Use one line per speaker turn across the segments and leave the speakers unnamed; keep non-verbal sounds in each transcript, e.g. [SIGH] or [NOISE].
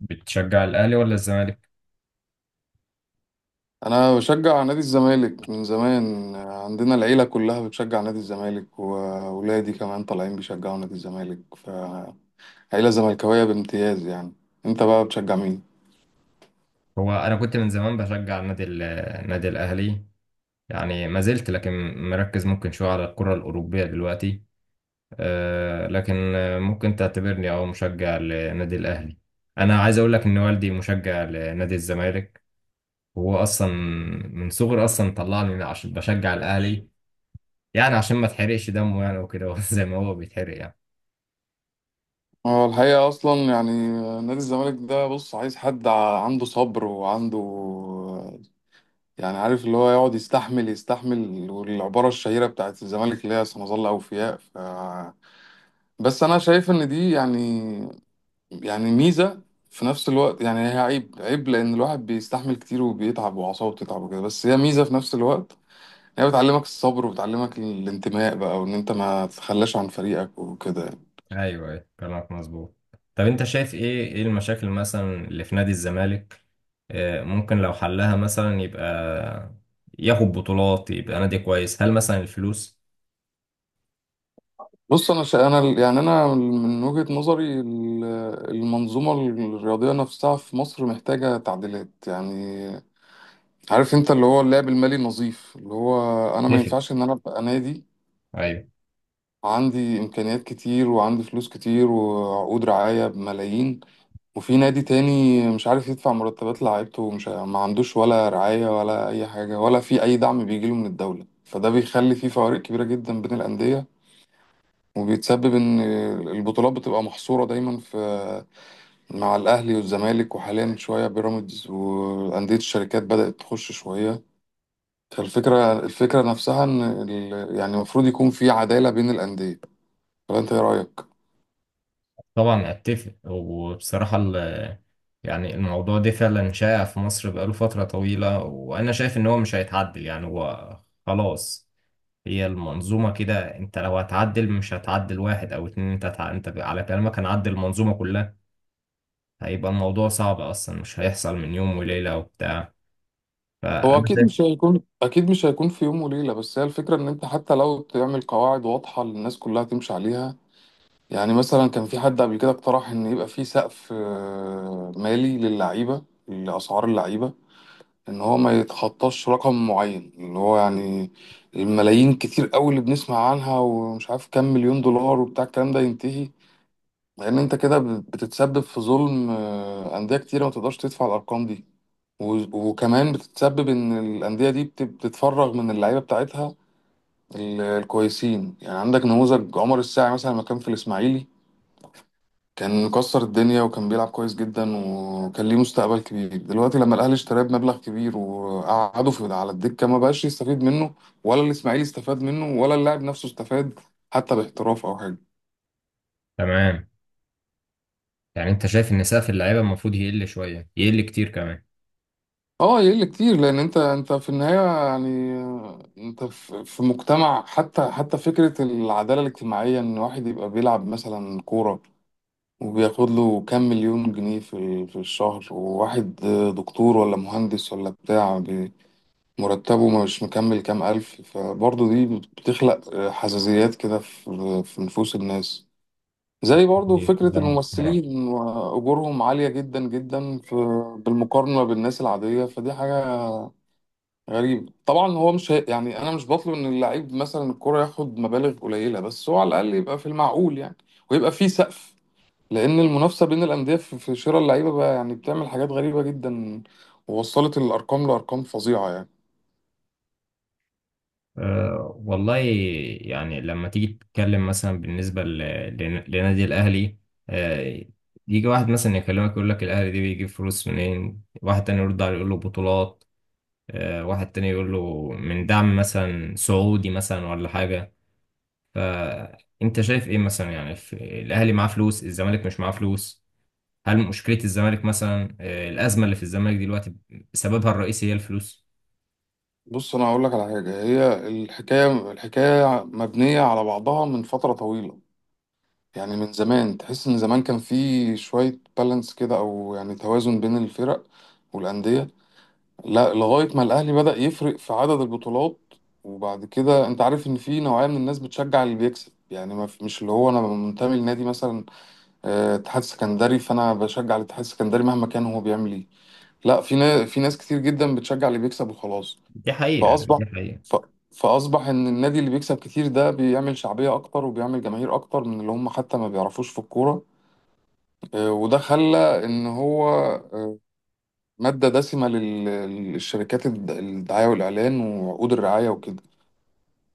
بتشجع الاهلي ولا الزمالك؟
انا بشجع نادي الزمالك من زمان. عندنا العيله كلها بتشجع نادي الزمالك، واولادي كمان طالعين بيشجعوا نادي الزمالك، فعيله زملكاويه بامتياز يعني. انت بقى بتشجع مين؟
هو انا كنت من زمان بشجع النادي النادي الاهلي. يعني ما زلت، لكن مركز ممكن شويه على الكره الاوروبيه دلوقتي. لكن ممكن تعتبرني او مشجع للنادي الاهلي. انا عايز اقول لك ان والدي مشجع لنادي الزمالك، وهو اصلا من صغري اصلا طلعني عشان بشجع الاهلي. يعني عشان ما تحرقش دمه، يعني وكده [LAUGHS] زي ما هو بيتحرق يعني.
هو الحقيقه اصلا يعني نادي الزمالك ده، بص، عايز حد عنده صبر وعنده، يعني عارف اللي هو يقعد يستحمل يستحمل، والعباره الشهيره بتاعت الزمالك اللي هي سنظل اوفياء، ف بس انا شايف ان دي يعني ميزة في نفس الوقت. يعني هي عيب عيب، لأن الواحد بيستحمل كتير وبيتعب وأعصابه بتتعب وكده، بس هي ميزة في نفس الوقت. هي بتعلمك الصبر وبتعلمك الانتماء بقى، وإن أنت ما تتخلاش عن فريقك وكده يعني.
ايوه، ايوه، كلامك مظبوط. طب انت شايف ايه المشاكل مثلا اللي في نادي الزمالك؟ ممكن لو حلها مثلا يبقى ياخد بطولات، يبقى نادي كويس. هل مثلا الفلوس؟
بص، أنا أنا يعني أنا من وجهة نظري المنظومة الرياضية نفسها في مصر محتاجة تعديلات يعني. عارف أنت اللي هو اللعب المالي نظيف، اللي هو أنا ما
اتفق.
ينفعش إن أنا أبقى نادي
ايوه.
عندي إمكانيات كتير وعندي فلوس كتير وعقود رعاية بملايين، وفي نادي تاني مش عارف يدفع مرتبات لعيبته ومش ما عندوش ولا رعاية ولا أي حاجة ولا في أي دعم بيجيله من الدولة. فده بيخلي في فوارق كبيرة جدا بين الأندية، وبيتسبب إن البطولات بتبقى محصورة دايما في، مع الأهلي والزمالك، وحاليا شوية بيراميدز وأندية الشركات بدأت تخش شوية. فالفكرة نفسها إن يعني المفروض يكون في عدالة بين الأندية. فأنت إيه رأيك؟
طبعا اتفق. وبصراحة يعني الموضوع ده فعلا شائع في مصر بقاله فترة طويلة، وانا شايف ان هو مش هيتعدل، يعني هو خلاص. هي المنظومة كده، انت لو هتعدل مش هتعدل واحد او اتنين، انت انت على كلامك هنعدل المنظومة كلها. هيبقى الموضوع صعب اصلا، مش هيحصل من يوم وليله وبتاع.
هو
فانا
اكيد
شايف.
مش هيكون، اكيد مش هيكون في يوم وليله، بس هي الفكره ان انت حتى لو تعمل قواعد واضحه للناس كلها تمشي عليها. يعني مثلا كان في حد قبل كده اقترح ان يبقى في سقف مالي للعيبه، لاسعار اللعيبه، ان هو ما يتخطاش رقم معين، اللي هو يعني الملايين كتير قوي اللي بنسمع عنها، ومش عارف كام مليون دولار وبتاع، الكلام ده ينتهي. لان انت كده بتتسبب في ظلم انديه كتيره ما تقدرش تدفع الارقام دي. وكمان بتتسبب ان الانديه دي بتتفرغ من اللعيبه بتاعتها الكويسين. يعني عندك نموذج عمر الساعي مثلا، لما كان في الاسماعيلي كان مكسر الدنيا وكان بيلعب كويس جدا وكان ليه مستقبل كبير. دلوقتي لما الاهلي اشتراه بمبلغ كبير وقعده في على الدكه، ما بقاش يستفيد منه، ولا الاسماعيلي استفاد منه، ولا اللاعب نفسه استفاد حتى باحتراف او حاجه.
تمام. يعني انت شايف ان سقف اللعيبه المفروض يقل شويه، يقل كتير كمان.
اه، يقل كتير، لان انت انت في النهايه، يعني انت في في مجتمع، حتى حتى فكره العداله الاجتماعيه، ان واحد يبقى بيلعب مثلا كوره وبياخد له كام مليون جنيه في في الشهر، وواحد دكتور ولا مهندس ولا بتاع مرتبه مش مكمل كام الف، فبرضه دي بتخلق حساسيات كده في في نفوس الناس. زي برضه
يعني
فكرة
كلام محترم.
الممثلين وأجورهم عالية جدا جدا، في بالمقارنة بالناس العادية، فدي حاجة غريب طبعا. هو مش يعني انا مش بطلب ان اللعيب مثلا الكرة ياخد مبالغ قليلة، بس هو على الاقل يبقى في المعقول يعني، ويبقى في سقف، لان المنافسة بين الاندية في في شراء اللعيبة بقى يعني بتعمل حاجات غريبة جدا، ووصلت الارقام لارقام فظيعة يعني.
أه والله. يعني لما تيجي تتكلم مثلا بالنسبه لنادي الاهلي، أه. يجي واحد مثلا يكلمك يقول لك الاهلي دي بيجيب فلوس منين، واحد تاني يرد عليه يقول له بطولات. واحد تاني يقول له من دعم مثلا سعودي، مثلا ولا حاجه. فانت شايف ايه مثلا؟ يعني في الاهلي معاه فلوس، الزمالك مش معاه فلوس. هل مشكلة الزمالك، مثلا الأزمة اللي في الزمالك دلوقتي، سببها الرئيسي هي الفلوس؟
بص، انا هقول لك على حاجة. هي الحكاية، الحكاية مبنية على بعضها من فترة طويلة. يعني من زمان تحس ان زمان كان في شوية بالانس كده، او يعني توازن بين الفرق والأندية، لا، لغاية ما الأهلي بدأ يفرق في عدد البطولات. وبعد كده أنت عارف إن في نوعية من الناس بتشجع اللي بيكسب، يعني ما في- مش اللي هو أنا منتمي لنادي مثلا اتحاد سكندري فأنا بشجع الاتحاد السكندري مهما كان هو بيعمل إيه، لا، في ناس، في ناس كتير جدا بتشجع اللي بيكسب وخلاص.
دي حقيقة،
فأصبح
دي حقيقة.
ف... فأصبح إن النادي اللي بيكسب كتير ده بيعمل شعبية أكتر وبيعمل جماهير أكتر من اللي هم حتى ما بيعرفوش في الكورة. وده خلى إن هو آه، مادة دسمة للشركات الدعاية والإعلان وعقود الرعاية وكده.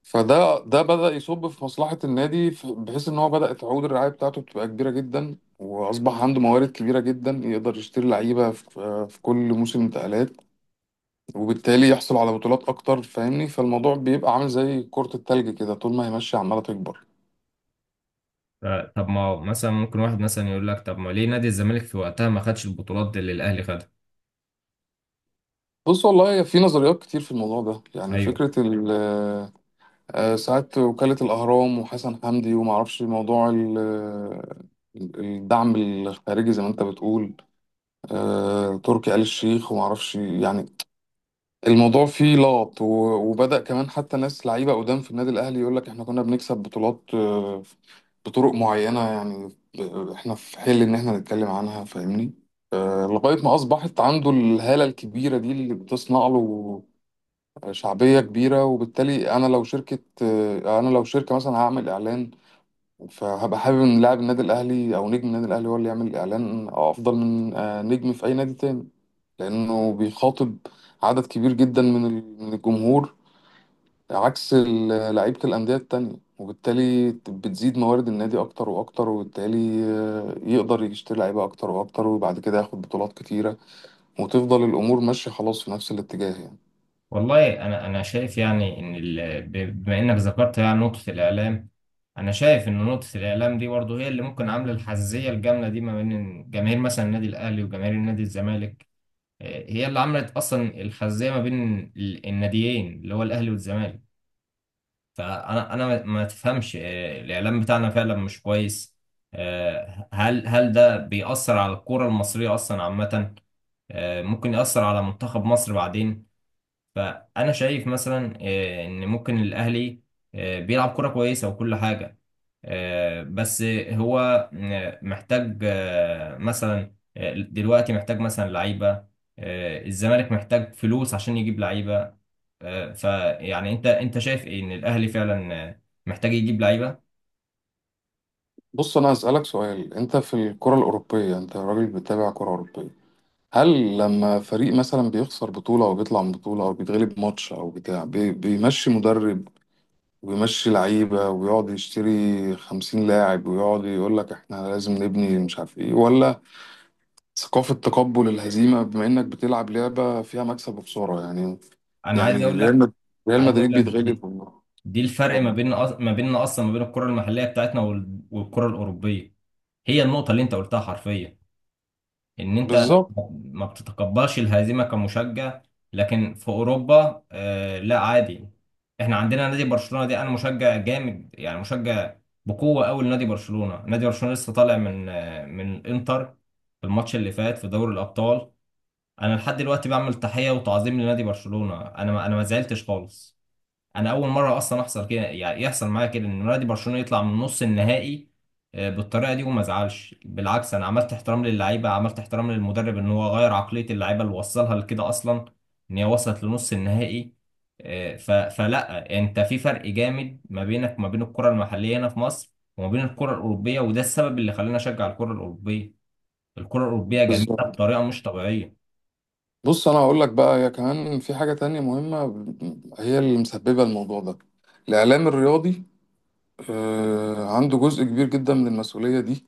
فده ده بدأ يصب في مصلحة النادي، بحيث إن هو بدأت عقود الرعاية بتاعته بتبقى كبيرة جدا، وأصبح عنده موارد كبيرة جدا يقدر يشتري لعيبة في في كل موسم انتقالات، وبالتالي يحصل على بطولات أكتر، فاهمني. فالموضوع بيبقى عامل زي كرة التلج كده، طول ما هي ماشية عمالة تكبر.
ف- طب ما هو مثلا ممكن واحد مثلا يقول لك طب ما ليه نادي الزمالك في وقتها ما خدش البطولات اللي الأهلي خدها؟
بص والله في نظريات كتير في الموضوع ده. يعني
ايوه،
فكرة ال ساعات وكالة الأهرام وحسن حمدي ومعرفش، موضوع الدعم الخارجي زي ما أنت بتقول، تركي آل الشيخ ومعرفش يعني. الموضوع فيه لغط، وبدأ كمان حتى ناس لعيبة قدام في النادي الأهلي يقول لك إحنا كنا بنكسب بطولات بطرق معينة يعني، إحنا في حل إن إحنا نتكلم عنها، فاهمني. لغاية ما أصبحت عنده الهالة الكبيرة دي اللي بتصنع له شعبية كبيرة. وبالتالي أنا لو شركة مثلا هعمل إعلان، فهبقى حابب إن لاعب النادي الأهلي أو نجم النادي الأهلي هو اللي يعمل إعلان أفضل من نجم في أي نادي تاني، لأنه بيخاطب عدد كبير جدا من من الجمهور، عكس لعيبة الأندية التانية. وبالتالي بتزيد موارد النادي أكتر وأكتر، وبالتالي يقدر يشتري لعيبة أكتر وأكتر، وبعد كده ياخد بطولات كتيرة، وتفضل الأمور ماشية خلاص في نفس الاتجاه يعني.
والله انا شايف يعني ان بما انك ذكرت يعني نقطة الإعلام. انا شايف ان نقطة الإعلام دي برضه هي اللي ممكن عاملة الحزية الجامدة دي ما بين جماهير مثلا النادي الأهلي وجماهير النادي الزمالك. هي اللي عملت اصلا الخزيه ما بين الناديين اللي هو الاهلي والزمالك. فانا انا ما ما تفهمش، الاعلام بتاعنا فعلا مش كويس. هل ده بيأثر على الكره المصريه اصلا عامه؟ ممكن يأثر على منتخب مصر بعدين. فانا شايف مثلا، ان ممكن الاهلي بيلعب كره كويسه وكل حاجه. بس هو محتاج مثلا دلوقتي محتاج مثلا لعيبة. الزمالك محتاج فلوس عشان يجيب لعيبة. فيعني انت شايف ايه ان الاهلي فعلا محتاج يجيب لعيبة؟
بص، انا هسألك سؤال. انت في الكرة الأوروبية، انت راجل بتتابع كرة أوروبية، هل لما فريق مثلا بيخسر بطولة او بيطلع من بطولة او بيتغلب ماتش او بتاع بيمشي مدرب ويمشي لعيبة ويقعد يشتري خمسين لاعب ويقعد يقول لك احنا لازم نبني مش عارف ايه، ولا ثقافة تقبل الهزيمة بما انك بتلعب لعبة فيها مكسب وخسارة يعني؟
انا عايز
يعني
اقول لك،
ريال
عايز اقول
مدريد
لك دي,
بيتغلب.
دي الفرق ما بين ما بيننا اصلا، ما بين الكرة المحلية بتاعتنا والكرة الأوروبية. هي النقطة اللي انت قلتها حرفيا، ان انت
بالظبط.
ما بتتقبلش الهزيمه كمشجع. لكن في اوروبا، لا، عادي. احنا عندنا نادي برشلونه، دي انا مشجع جامد، يعني مشجع بقوه قوي لنادي برشلونه. نادي برشلونه لسه طالع من من الانتر في الماتش اللي فات في دوري الابطال. انا لحد دلوقتي بعمل تحيه وتعظيم لنادي برشلونه. انا ما زعلتش خالص. انا اول مره اصلا احصل كده، يعني يحصل معايا كده، ان نادي برشلونه يطلع من نص النهائي بالطريقه دي. وما ازعلش، بالعكس انا عملت احترام للعيبه، عملت احترام للمدرب، ان هو غير عقليه اللعيبه اللي وصلها لكده اصلا، ان هي وصلت لنص النهائي. آه، ف- فلا، انت في فرق جامد ما بينك وما بين الكره المحليه هنا في مصر وما بين الكره الاوروبيه، وده السبب اللي خلاني اشجع الكره الاوروبيه. الكره الاوروبيه جميله
بالظبط،
بطريقه مش طبيعيه.
بص انا هقول لك بقى. هي كمان في حاجة تانية مهمة هي اللي مسببة الموضوع ده، الاعلام الرياضي عنده جزء كبير جدا من المسؤولية دي،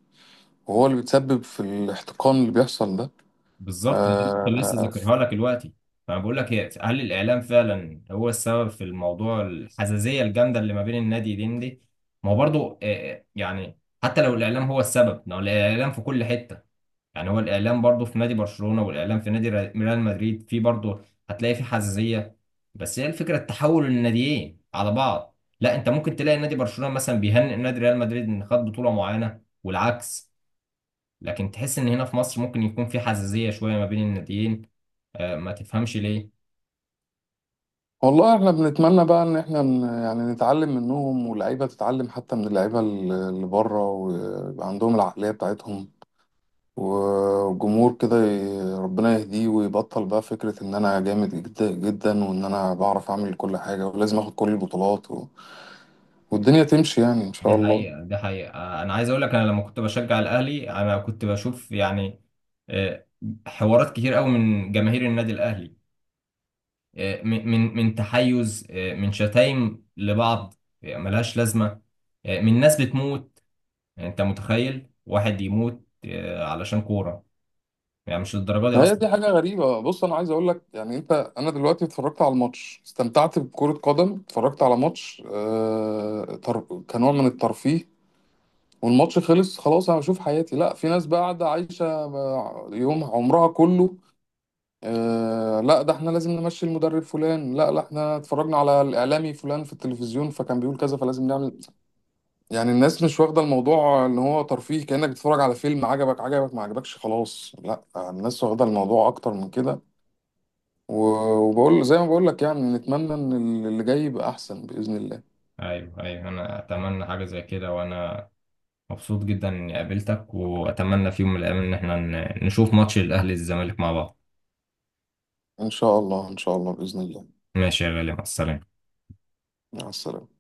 وهو اللي بيتسبب في الاحتقان اللي بيحصل ده.
بالظبط، أنا كنت لسه
آه،
ذاكرها لك دلوقتي. فانا بقول لك، هي هل الاعلام فعلا هو السبب في الموضوع الحزازيه الجامده اللي ما بين النادي دين دي؟ ما هو برضو، يعني حتى لو الاعلام هو السبب، ما هو الاعلام في كل حته. يعني هو الاعلام برضو في نادي برشلونه، والاعلام في نادي ريال مدريد في برضو. هتلاقي في حزازيه. بس هي الفكره التحول الناديين على بعض، لا انت ممكن تلاقي نادي برشلونه مثلا بيهنئ نادي ريال مدريد ان خد بطوله معينه والعكس. لكن تحس ان هنا في مصر ممكن يكون في حزازية شوية ما بين الناديين، ما تفهمش ليه.
والله احنا بنتمنى بقى ان احنا يعني نتعلم منهم، واللعيبة تتعلم حتى من اللعيبة اللي بره وعندهم العقلية بتاعتهم. وجمهور كده ربنا يهديه، ويبطل بقى فكرة إن أنا جامد جدا جدا، وإن أنا بعرف أعمل كل حاجة ولازم آخد كل البطولات والدنيا تمشي يعني إن
دي
شاء الله.
حقيقة، دي حقيقة. انا عايز اقول لك، انا لما كنت بشجع الاهلي انا كنت بشوف يعني آه، حوارات كتير قوي من جماهير النادي الاهلي. من تحيز، من شتايم لبعض ملهاش لازمة، من ناس بتموت. يعني انت متخيل واحد يموت علشان كورة؟ يعني مش للدرجة دي
هي
اصلا.
دي حاجة غريبة. بص أنا عايز أقول لك يعني، أنت، أنا دلوقتي اتفرجت على الماتش، استمتعت بكرة قدم، اتفرجت على ماتش كنوع من الترفيه. والماتش خلص خلاص، أنا بشوف حياتي. لا، في ناس بقى قاعدة عايشة يوم عمرها كله. آه لا، ده احنا لازم نمشي المدرب فلان، لا لا احنا اتفرجنا على الاعلامي فلان في التلفزيون فكان بيقول كذا فلازم نعمل. يعني الناس مش واخده الموضوع ان هو ترفيه، كانك بتتفرج على فيلم، عجبك عجبك ما عجبكش خلاص. لا، الناس واخده الموضوع اكتر من كده. وبقول زي ما بقول لك يعني، نتمنى ان اللي جاي يبقى احسن باذن الله.
ايوه، ايوه، انا اتمنى حاجة زي كده. وانا مبسوط جدا اني قابلتك، واتمنى في يوم من الايام ان احنا نشوف ماتش الاهلي الزمالك مع بعض.
ان شاء الله ان شاء الله باذن الله.
ماشي يا غالي، مع السلامة.
مع السلامه.